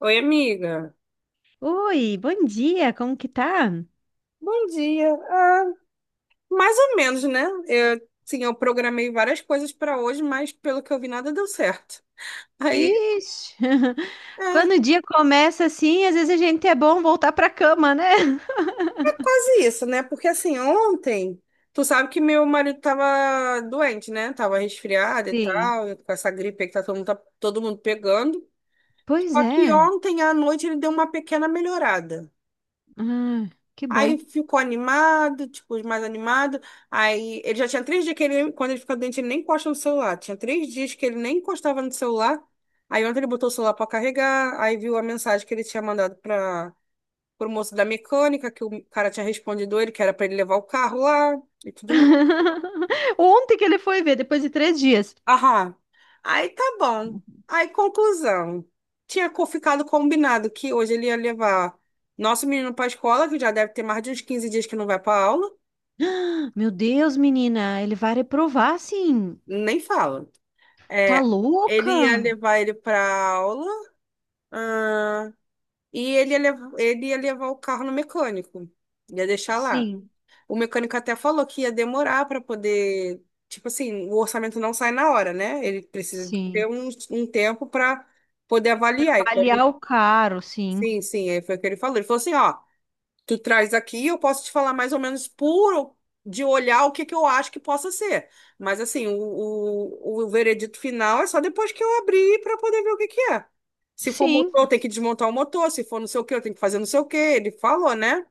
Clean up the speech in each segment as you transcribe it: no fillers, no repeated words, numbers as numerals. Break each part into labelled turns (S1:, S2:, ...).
S1: Oi, amiga.
S2: Oi, bom dia, como que tá?
S1: Bom dia. Mais ou menos, né? Sim, eu programei várias coisas para hoje, mas pelo que eu vi, nada deu certo. Aí,
S2: Ixi,
S1: é,
S2: Quando o dia começa assim, às vezes a gente é bom voltar pra cama, né?
S1: é quase isso, né? Porque assim, ontem, tu sabe que meu marido tava doente, né? Tava resfriado e
S2: Sim.
S1: tal, com essa gripe aí que tá todo mundo pegando.
S2: Pois
S1: Só que
S2: é.
S1: ontem à noite ele deu uma pequena melhorada.
S2: Ah, que
S1: Aí
S2: bom.
S1: ficou animado, tipo, mais animado. Aí ele já tinha três dias que ele, quando ele fica doente, ele nem encosta no celular. Tinha três dias que ele nem encostava no celular. Aí ontem ele botou o celular para carregar, aí viu a mensagem que ele tinha mandado para o moço da mecânica, que o cara tinha respondido ele, que era para ele levar o carro lá e tudo mais.
S2: Ontem que ele foi ver, depois de 3 dias.
S1: Aham. Aí tá bom. Aí, conclusão. Ficado combinado que hoje ele ia levar nosso menino para a escola, que já deve ter mais de uns 15 dias que não vai para aula.
S2: Meu Deus, menina, ele vai reprovar, sim.
S1: Nem fala.
S2: Tá
S1: É, ele ia
S2: louca?
S1: levar ele para aula, ah, e ele ia, ele ia levar o carro no mecânico, ia deixar lá.
S2: Sim,
S1: O mecânico até falou que ia demorar para poder, tipo assim, o orçamento não sai na hora, né? Ele precisa de ter
S2: sim.
S1: um tempo para poder avaliar. E
S2: Avaliar
S1: como-
S2: o caro, sim.
S1: sim, sim, aí foi o que ele falou. Ele falou assim, ó, tu traz aqui, e eu posso te falar mais ou menos puro de olhar o que que eu acho que possa ser. Mas assim, o veredito final é só depois que eu abrir para poder ver o que que é. Se for motor, eu
S2: Sim.
S1: tenho que desmontar o motor, se for não sei o que, eu tenho que fazer não sei o que. Ele falou, né?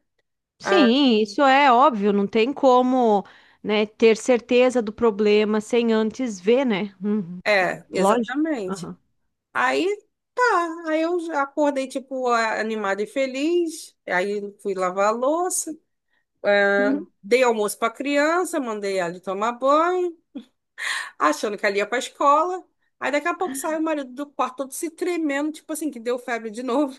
S1: Ah,
S2: Sim, isso é óbvio, não tem como, né, ter certeza do problema sem antes ver, né? Uhum.
S1: é,
S2: Lógico.
S1: exatamente.
S2: Aham.
S1: Aí tá, aí eu já acordei tipo animada e feliz. Aí fui lavar a louça,
S2: Uhum.
S1: dei almoço para criança, mandei ela tomar banho. Achando que ali ia pra escola. Aí daqui a pouco sai o marido do quarto todo se tremendo, tipo assim, que deu febre de novo.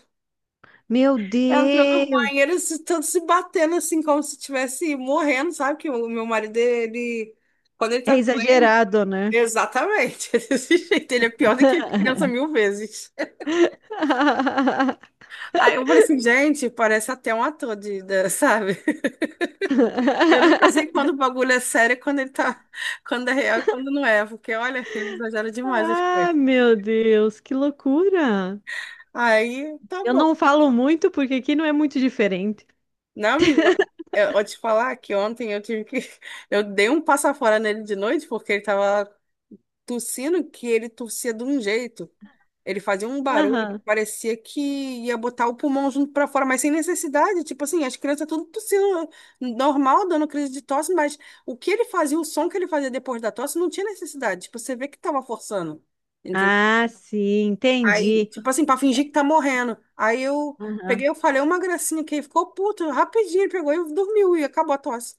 S2: Meu
S1: Entrou no
S2: Deus,
S1: banheiro, se, todo se batendo assim, como se estivesse morrendo, sabe? Que o meu marido, ele. Quando ele
S2: é
S1: tá doente.
S2: exagerado, né?
S1: Exatamente, desse jeito. Ele é pior do que criança mil vezes. Aí eu falei assim, gente, parece até um ator de, sabe? Eu nunca sei quando o bagulho é sério, e quando ele tá. Quando é real e quando não é. Porque, olha, ele exagera demais as
S2: Ah,
S1: coisas.
S2: meu Deus, que loucura!
S1: Aí, tá
S2: Eu não
S1: bom.
S2: falo muito porque aqui não é muito diferente.
S1: Não, menina, eu vou te falar que ontem eu tive que. Eu dei um passa fora nele de noite porque ele tava tossindo que ele tossia de um jeito. Ele fazia um barulho que
S2: Aham.
S1: parecia que ia botar o pulmão junto pra fora, mas sem necessidade. Tipo assim, as crianças tudo tossindo normal, dando crise de tosse, mas o que ele fazia, o som que ele fazia depois da tosse, não tinha necessidade. Tipo, você vê que tava forçando.
S2: Ah, sim,
S1: Aí,
S2: entendi.
S1: tipo assim, pra fingir que tá morrendo. Aí eu
S2: Aham.
S1: peguei, eu falei uma gracinha que ele ficou puto, rapidinho, ele pegou e dormiu e acabou a tosse.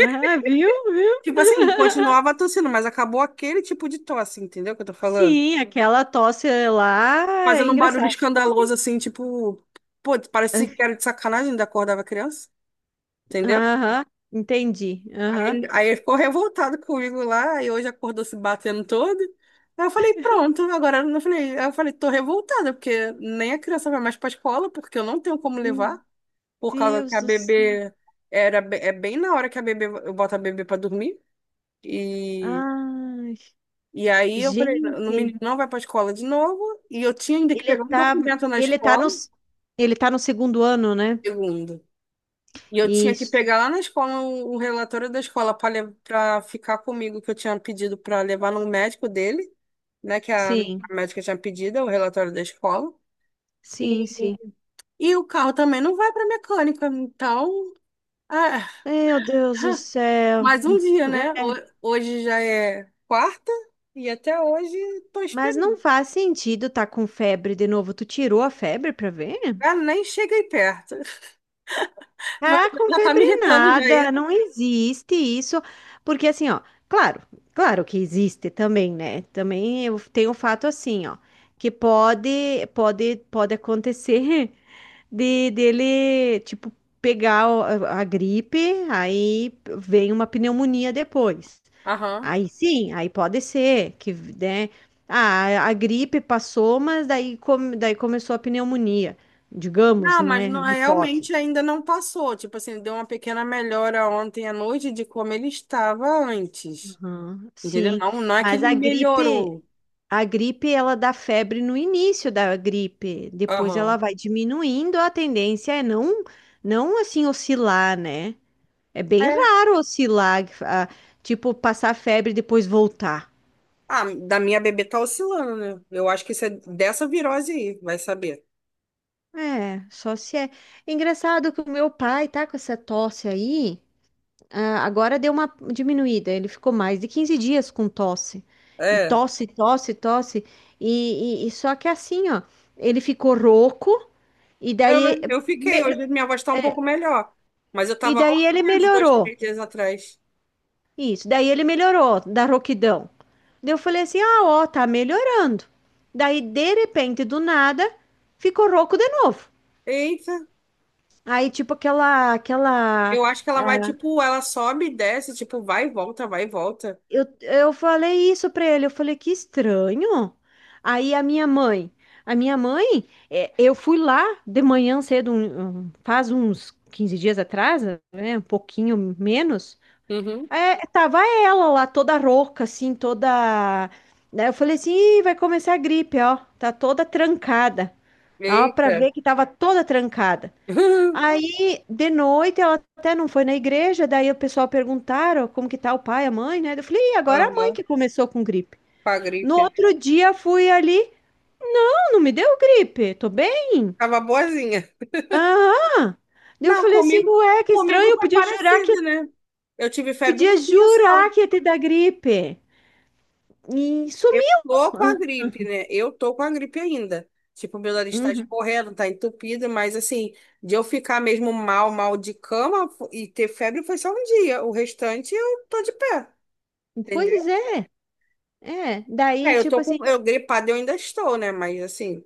S2: Ah, viu, viu?
S1: Tipo assim, continuava tossindo, mas acabou aquele tipo de tosse, entendeu o que eu tô falando?
S2: Sim, aquela tosse lá é
S1: Fazendo um barulho
S2: engraçada. Sim.
S1: escandaloso, assim, tipo, pô, parece que era de sacanagem, ainda acordava criança, entendeu?
S2: Aham, entendi. Aham.
S1: Aí ele ficou revoltado comigo lá, e hoje acordou se batendo todo. Aí eu falei, pronto, agora eu não falei, aí eu falei, tô revoltada, porque nem a criança vai mais pra escola, porque eu não tenho como
S2: Meu
S1: levar. Por causa que
S2: Deus
S1: a
S2: do céu.
S1: bebê era é bem na hora que a bebê eu boto a bebê para dormir e
S2: Ai,
S1: aí eu falei, o
S2: gente,
S1: menino não vai para escola de novo e eu tinha ainda que
S2: ele
S1: pegar um
S2: tá,
S1: documento na
S2: ele tá no,
S1: escola,
S2: ele tá no segundo ano, né?
S1: segundo. E eu tinha que
S2: Isso.
S1: pegar lá na escola um relatório da escola para ficar comigo que eu tinha pedido para levar no médico dele, né, que a
S2: Sim,
S1: médica tinha pedido o relatório da escola.
S2: sim,
S1: E,
S2: sim.
S1: e o carro também não vai para mecânica, então, ah,
S2: Meu Deus do céu.
S1: mais um dia, né?
S2: É.
S1: Hoje já é quarta e até hoje tô
S2: Mas
S1: esperando.
S2: não faz sentido tá com febre de novo. Tu tirou a febre pra ver?
S1: Ah, nem cheguei perto. Vai-
S2: Ah, com
S1: Já tá
S2: febre
S1: me irritando já isso.
S2: nada, não existe isso, porque assim, ó, claro, claro que existe também, né? Também eu tenho o fato assim, ó, que pode acontecer de dele, tipo, pegar a gripe, aí vem uma pneumonia depois.
S1: Aham.
S2: Aí sim, aí pode ser que, né? Ah, a gripe passou, mas daí, daí começou a pneumonia, digamos,
S1: Não, mas
S2: né?
S1: não-
S2: Na
S1: realmente
S2: hipótese.
S1: ainda não passou. Tipo assim, deu uma pequena melhora ontem à noite de como ele estava antes.
S2: Aham,
S1: Entendeu?
S2: sim,
S1: Não, não é que
S2: mas
S1: ele
S2: a gripe,
S1: melhorou.
S2: a gripe ela dá febre no início da gripe, depois ela
S1: Aham.
S2: vai diminuindo, a tendência é não assim oscilar, né? É bem
S1: É.
S2: raro oscilar, tipo passar febre e depois voltar.
S1: Ah, da minha bebê tá oscilando, né? Eu acho que isso é dessa virose aí, vai saber.
S2: É, só se é. Engraçado que o meu pai tá com essa tosse aí. Ah, agora deu uma diminuída. Ele ficou mais de 15 dias com tosse. E
S1: É.
S2: tosse, tosse, tosse. E só que assim, ó, ele ficou rouco e
S1: Eu,
S2: daí,
S1: eu fiquei,
S2: me-
S1: hoje minha voz está um pouco melhor. Mas eu
S2: e
S1: tava
S2: daí ele
S1: rouquinha uns dois,
S2: melhorou.
S1: três dias atrás.
S2: Isso, daí ele melhorou da rouquidão. Daí eu falei assim: ah, ó, tá melhorando. Daí, de repente, do nada, ficou rouco de novo.
S1: Eita,
S2: Aí, tipo, aquela
S1: eu acho que ela vai, tipo, ela sobe e desce, tipo, vai e volta, vai e volta.
S2: Eu falei isso pra ele, eu falei, que estranho. Aí a minha mãe, a minha mãe, eu fui lá de manhã cedo, faz uns 15 dias atrás, né, um pouquinho menos,
S1: Uhum.
S2: tava ela lá toda rouca, assim, toda... Daí eu falei assim, "Ih, vai começar a gripe, ó, tá toda trancada." Ó, pra
S1: Eita.
S2: ver que tava toda trancada. Aí, de noite, ela até não foi na igreja, daí o pessoal perguntaram como que tá o pai, a mãe, né? Eu falei, e agora é a mãe
S1: Aham,
S2: que começou com gripe.
S1: com a
S2: No
S1: gripe.
S2: outro dia, fui ali, não, não me deu gripe, tô bem.
S1: Tava boazinha.
S2: Aham. Daí eu
S1: Não,
S2: falei assim,
S1: comigo,
S2: ué, que estranho,
S1: comigo
S2: eu
S1: foi
S2: podia jurar que,
S1: parecido, né? Eu tive febre
S2: podia
S1: um dia só.
S2: jurar que ia te dar gripe. E
S1: Eu
S2: sumiu.
S1: tô com a
S2: Ah,
S1: gripe, né? Eu tô com a gripe ainda. Tipo, meu nariz tá
S2: uhum.
S1: escorrendo, tá entupido, mas assim, de eu ficar mesmo mal, mal de cama e ter febre foi só um dia. O restante eu tô de pé,
S2: Pois
S1: entendeu?
S2: é, é. Daí,
S1: É, eu tô
S2: tipo assim,
S1: com. Eu gripada eu ainda estou, né? Mas assim,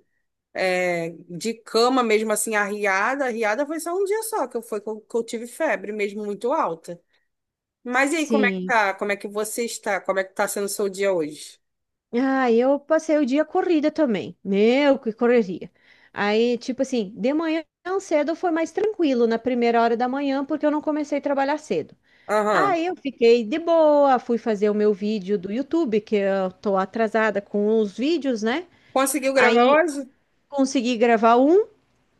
S1: é, de cama mesmo assim, arriada, arriada foi só um dia só que eu, foi, que eu tive febre mesmo muito alta. Mas e aí, como é que
S2: sim.
S1: tá? Como é que você está? Como é que tá sendo o seu dia hoje?
S2: Ah, eu passei o dia corrida também. Meu, que correria. Aí, tipo assim, de manhã cedo foi mais tranquilo, na primeira hora da manhã, porque eu não comecei a trabalhar cedo.
S1: Aham.
S2: Aí eu fiquei de boa, fui fazer o meu vídeo do YouTube, que eu tô atrasada com os vídeos, né?
S1: Conseguiu gravar
S2: Aí
S1: hoje?
S2: consegui gravar um,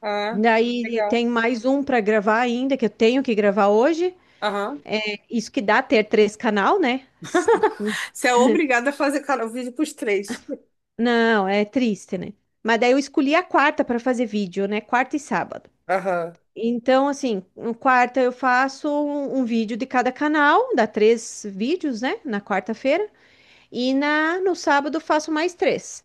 S1: Ah.
S2: daí
S1: Legal.
S2: tem mais um para gravar ainda, que eu tenho que gravar hoje.
S1: Aham.
S2: Isso que dá ter três canal, né?
S1: Você é obrigada a fazer cara, o vídeo pros três.
S2: Não, é triste, né? Mas daí eu escolhi a quarta para fazer vídeo, né? Quarta e sábado.
S1: Aham.
S2: Então, assim, no quarta eu faço um vídeo de cada canal, dá três vídeos, né, na quarta-feira, e na no sábado eu faço mais três.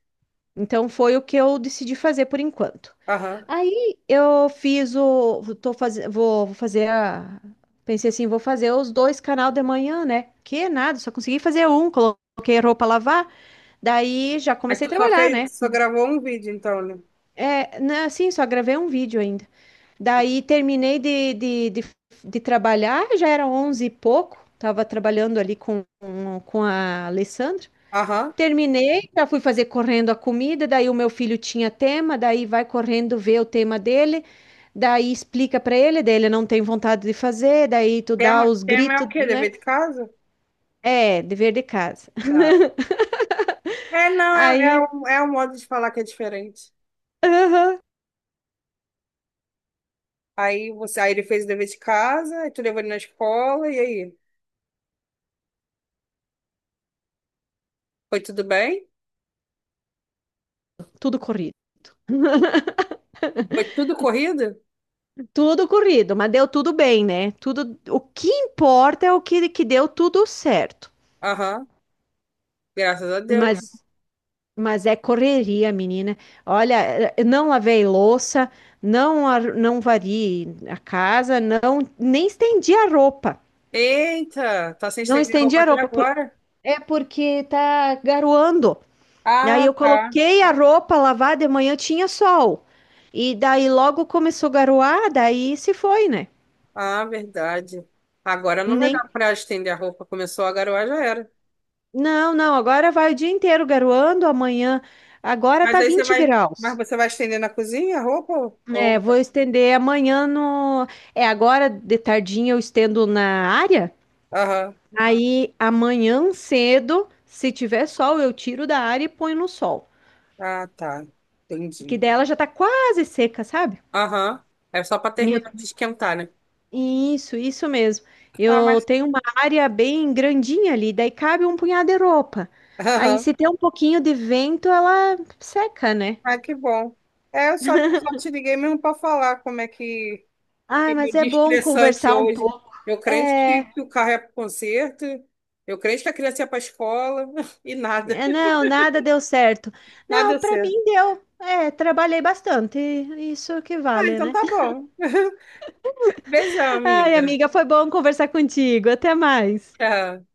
S2: Então foi o que eu decidi fazer por enquanto.
S1: Aham.
S2: Aí eu fiz o, tô fazendo, vou, vou fazer a, pensei assim, vou fazer os dois canal de manhã, né? Que nada, só consegui fazer um, coloquei roupa a lavar, daí já
S1: Mas
S2: comecei a
S1: tu só
S2: trabalhar, né?
S1: fez, só gravou um vídeo, então, né?
S2: É, né, assim, só gravei um vídeo ainda. Daí terminei de trabalhar, já era 11 e pouco, tava trabalhando ali com a Alessandra.
S1: Aham.
S2: Terminei, já fui fazer correndo a comida, daí o meu filho tinha tema, daí vai correndo ver o tema dele, daí explica para ele, daí ele não tem vontade de fazer, daí tu dá
S1: Tema,
S2: os
S1: tema é o
S2: gritos,
S1: quê?
S2: né?
S1: Dever de casa?
S2: É, dever de casa.
S1: Tá. É, não,
S2: Aí
S1: é um modo de falar que é diferente. Aí você, aí ele fez o dever de casa, aí tu levou ele na escola, e aí? Foi tudo bem?
S2: tudo corrido.
S1: Foi tudo corrido?
S2: Tudo corrido, mas deu tudo bem, né? Tudo, o que importa é o que, que deu tudo certo.
S1: Aham. Graças a Deus.
S2: Mas, mas é correria, menina. Olha, não lavei louça, não varri a casa, não nem estendi a roupa.
S1: Eita, tá sem
S2: Não
S1: estender a
S2: estendi
S1: roupa
S2: a
S1: até
S2: roupa
S1: agora.
S2: é porque tá garoando. Aí
S1: Ah,
S2: eu
S1: tá.
S2: coloquei a roupa lavar de manhã, tinha sol. E daí logo começou a garoar, daí se foi, né?
S1: Ah, verdade. Agora não vai
S2: Nem
S1: dar para estender a roupa. Começou a garoar, já era.
S2: Não, não, agora vai o dia inteiro garoando, amanhã. Agora
S1: Mas
S2: tá
S1: aí você
S2: 20
S1: vai, mas
S2: graus.
S1: você vai estender na cozinha a roupa?
S2: É,
S1: Ou...
S2: vou estender amanhã no. É, agora de tardinha eu estendo na área.
S1: Aham.
S2: Aí amanhã cedo, se tiver sol, eu tiro da área e ponho no sol.
S1: Ah, tá.
S2: Que
S1: Entendi.
S2: daí ela já tá quase seca, sabe?
S1: Aham. É só para
S2: E
S1: terminar
S2: eu-
S1: de esquentar, né?
S2: Isso, isso mesmo.
S1: Ah,
S2: Eu
S1: mas.
S2: tenho uma área bem grandinha ali, daí cabe um punhado de roupa. Aí
S1: Aham.
S2: se tem um pouquinho de vento, ela seca, né?
S1: Ah, que bom. Só te liguei mesmo para falar como é que
S2: Ai,
S1: foi
S2: mas
S1: meu
S2: é
S1: dia
S2: bom
S1: estressante
S2: conversar um
S1: hoje.
S2: pouco.
S1: Eu crente
S2: É,
S1: que o carro é para conserto, eu crente que a criança ia para escola e nada.
S2: é, não, nada deu certo.
S1: Nada deu
S2: Não, pra mim
S1: certo.
S2: deu. É, trabalhei bastante. Isso que
S1: Ah,
S2: vale,
S1: então
S2: né?
S1: tá bom. Beijão,
S2: Ai,
S1: amiga.
S2: amiga, foi bom conversar contigo. Até mais.
S1: Tchau.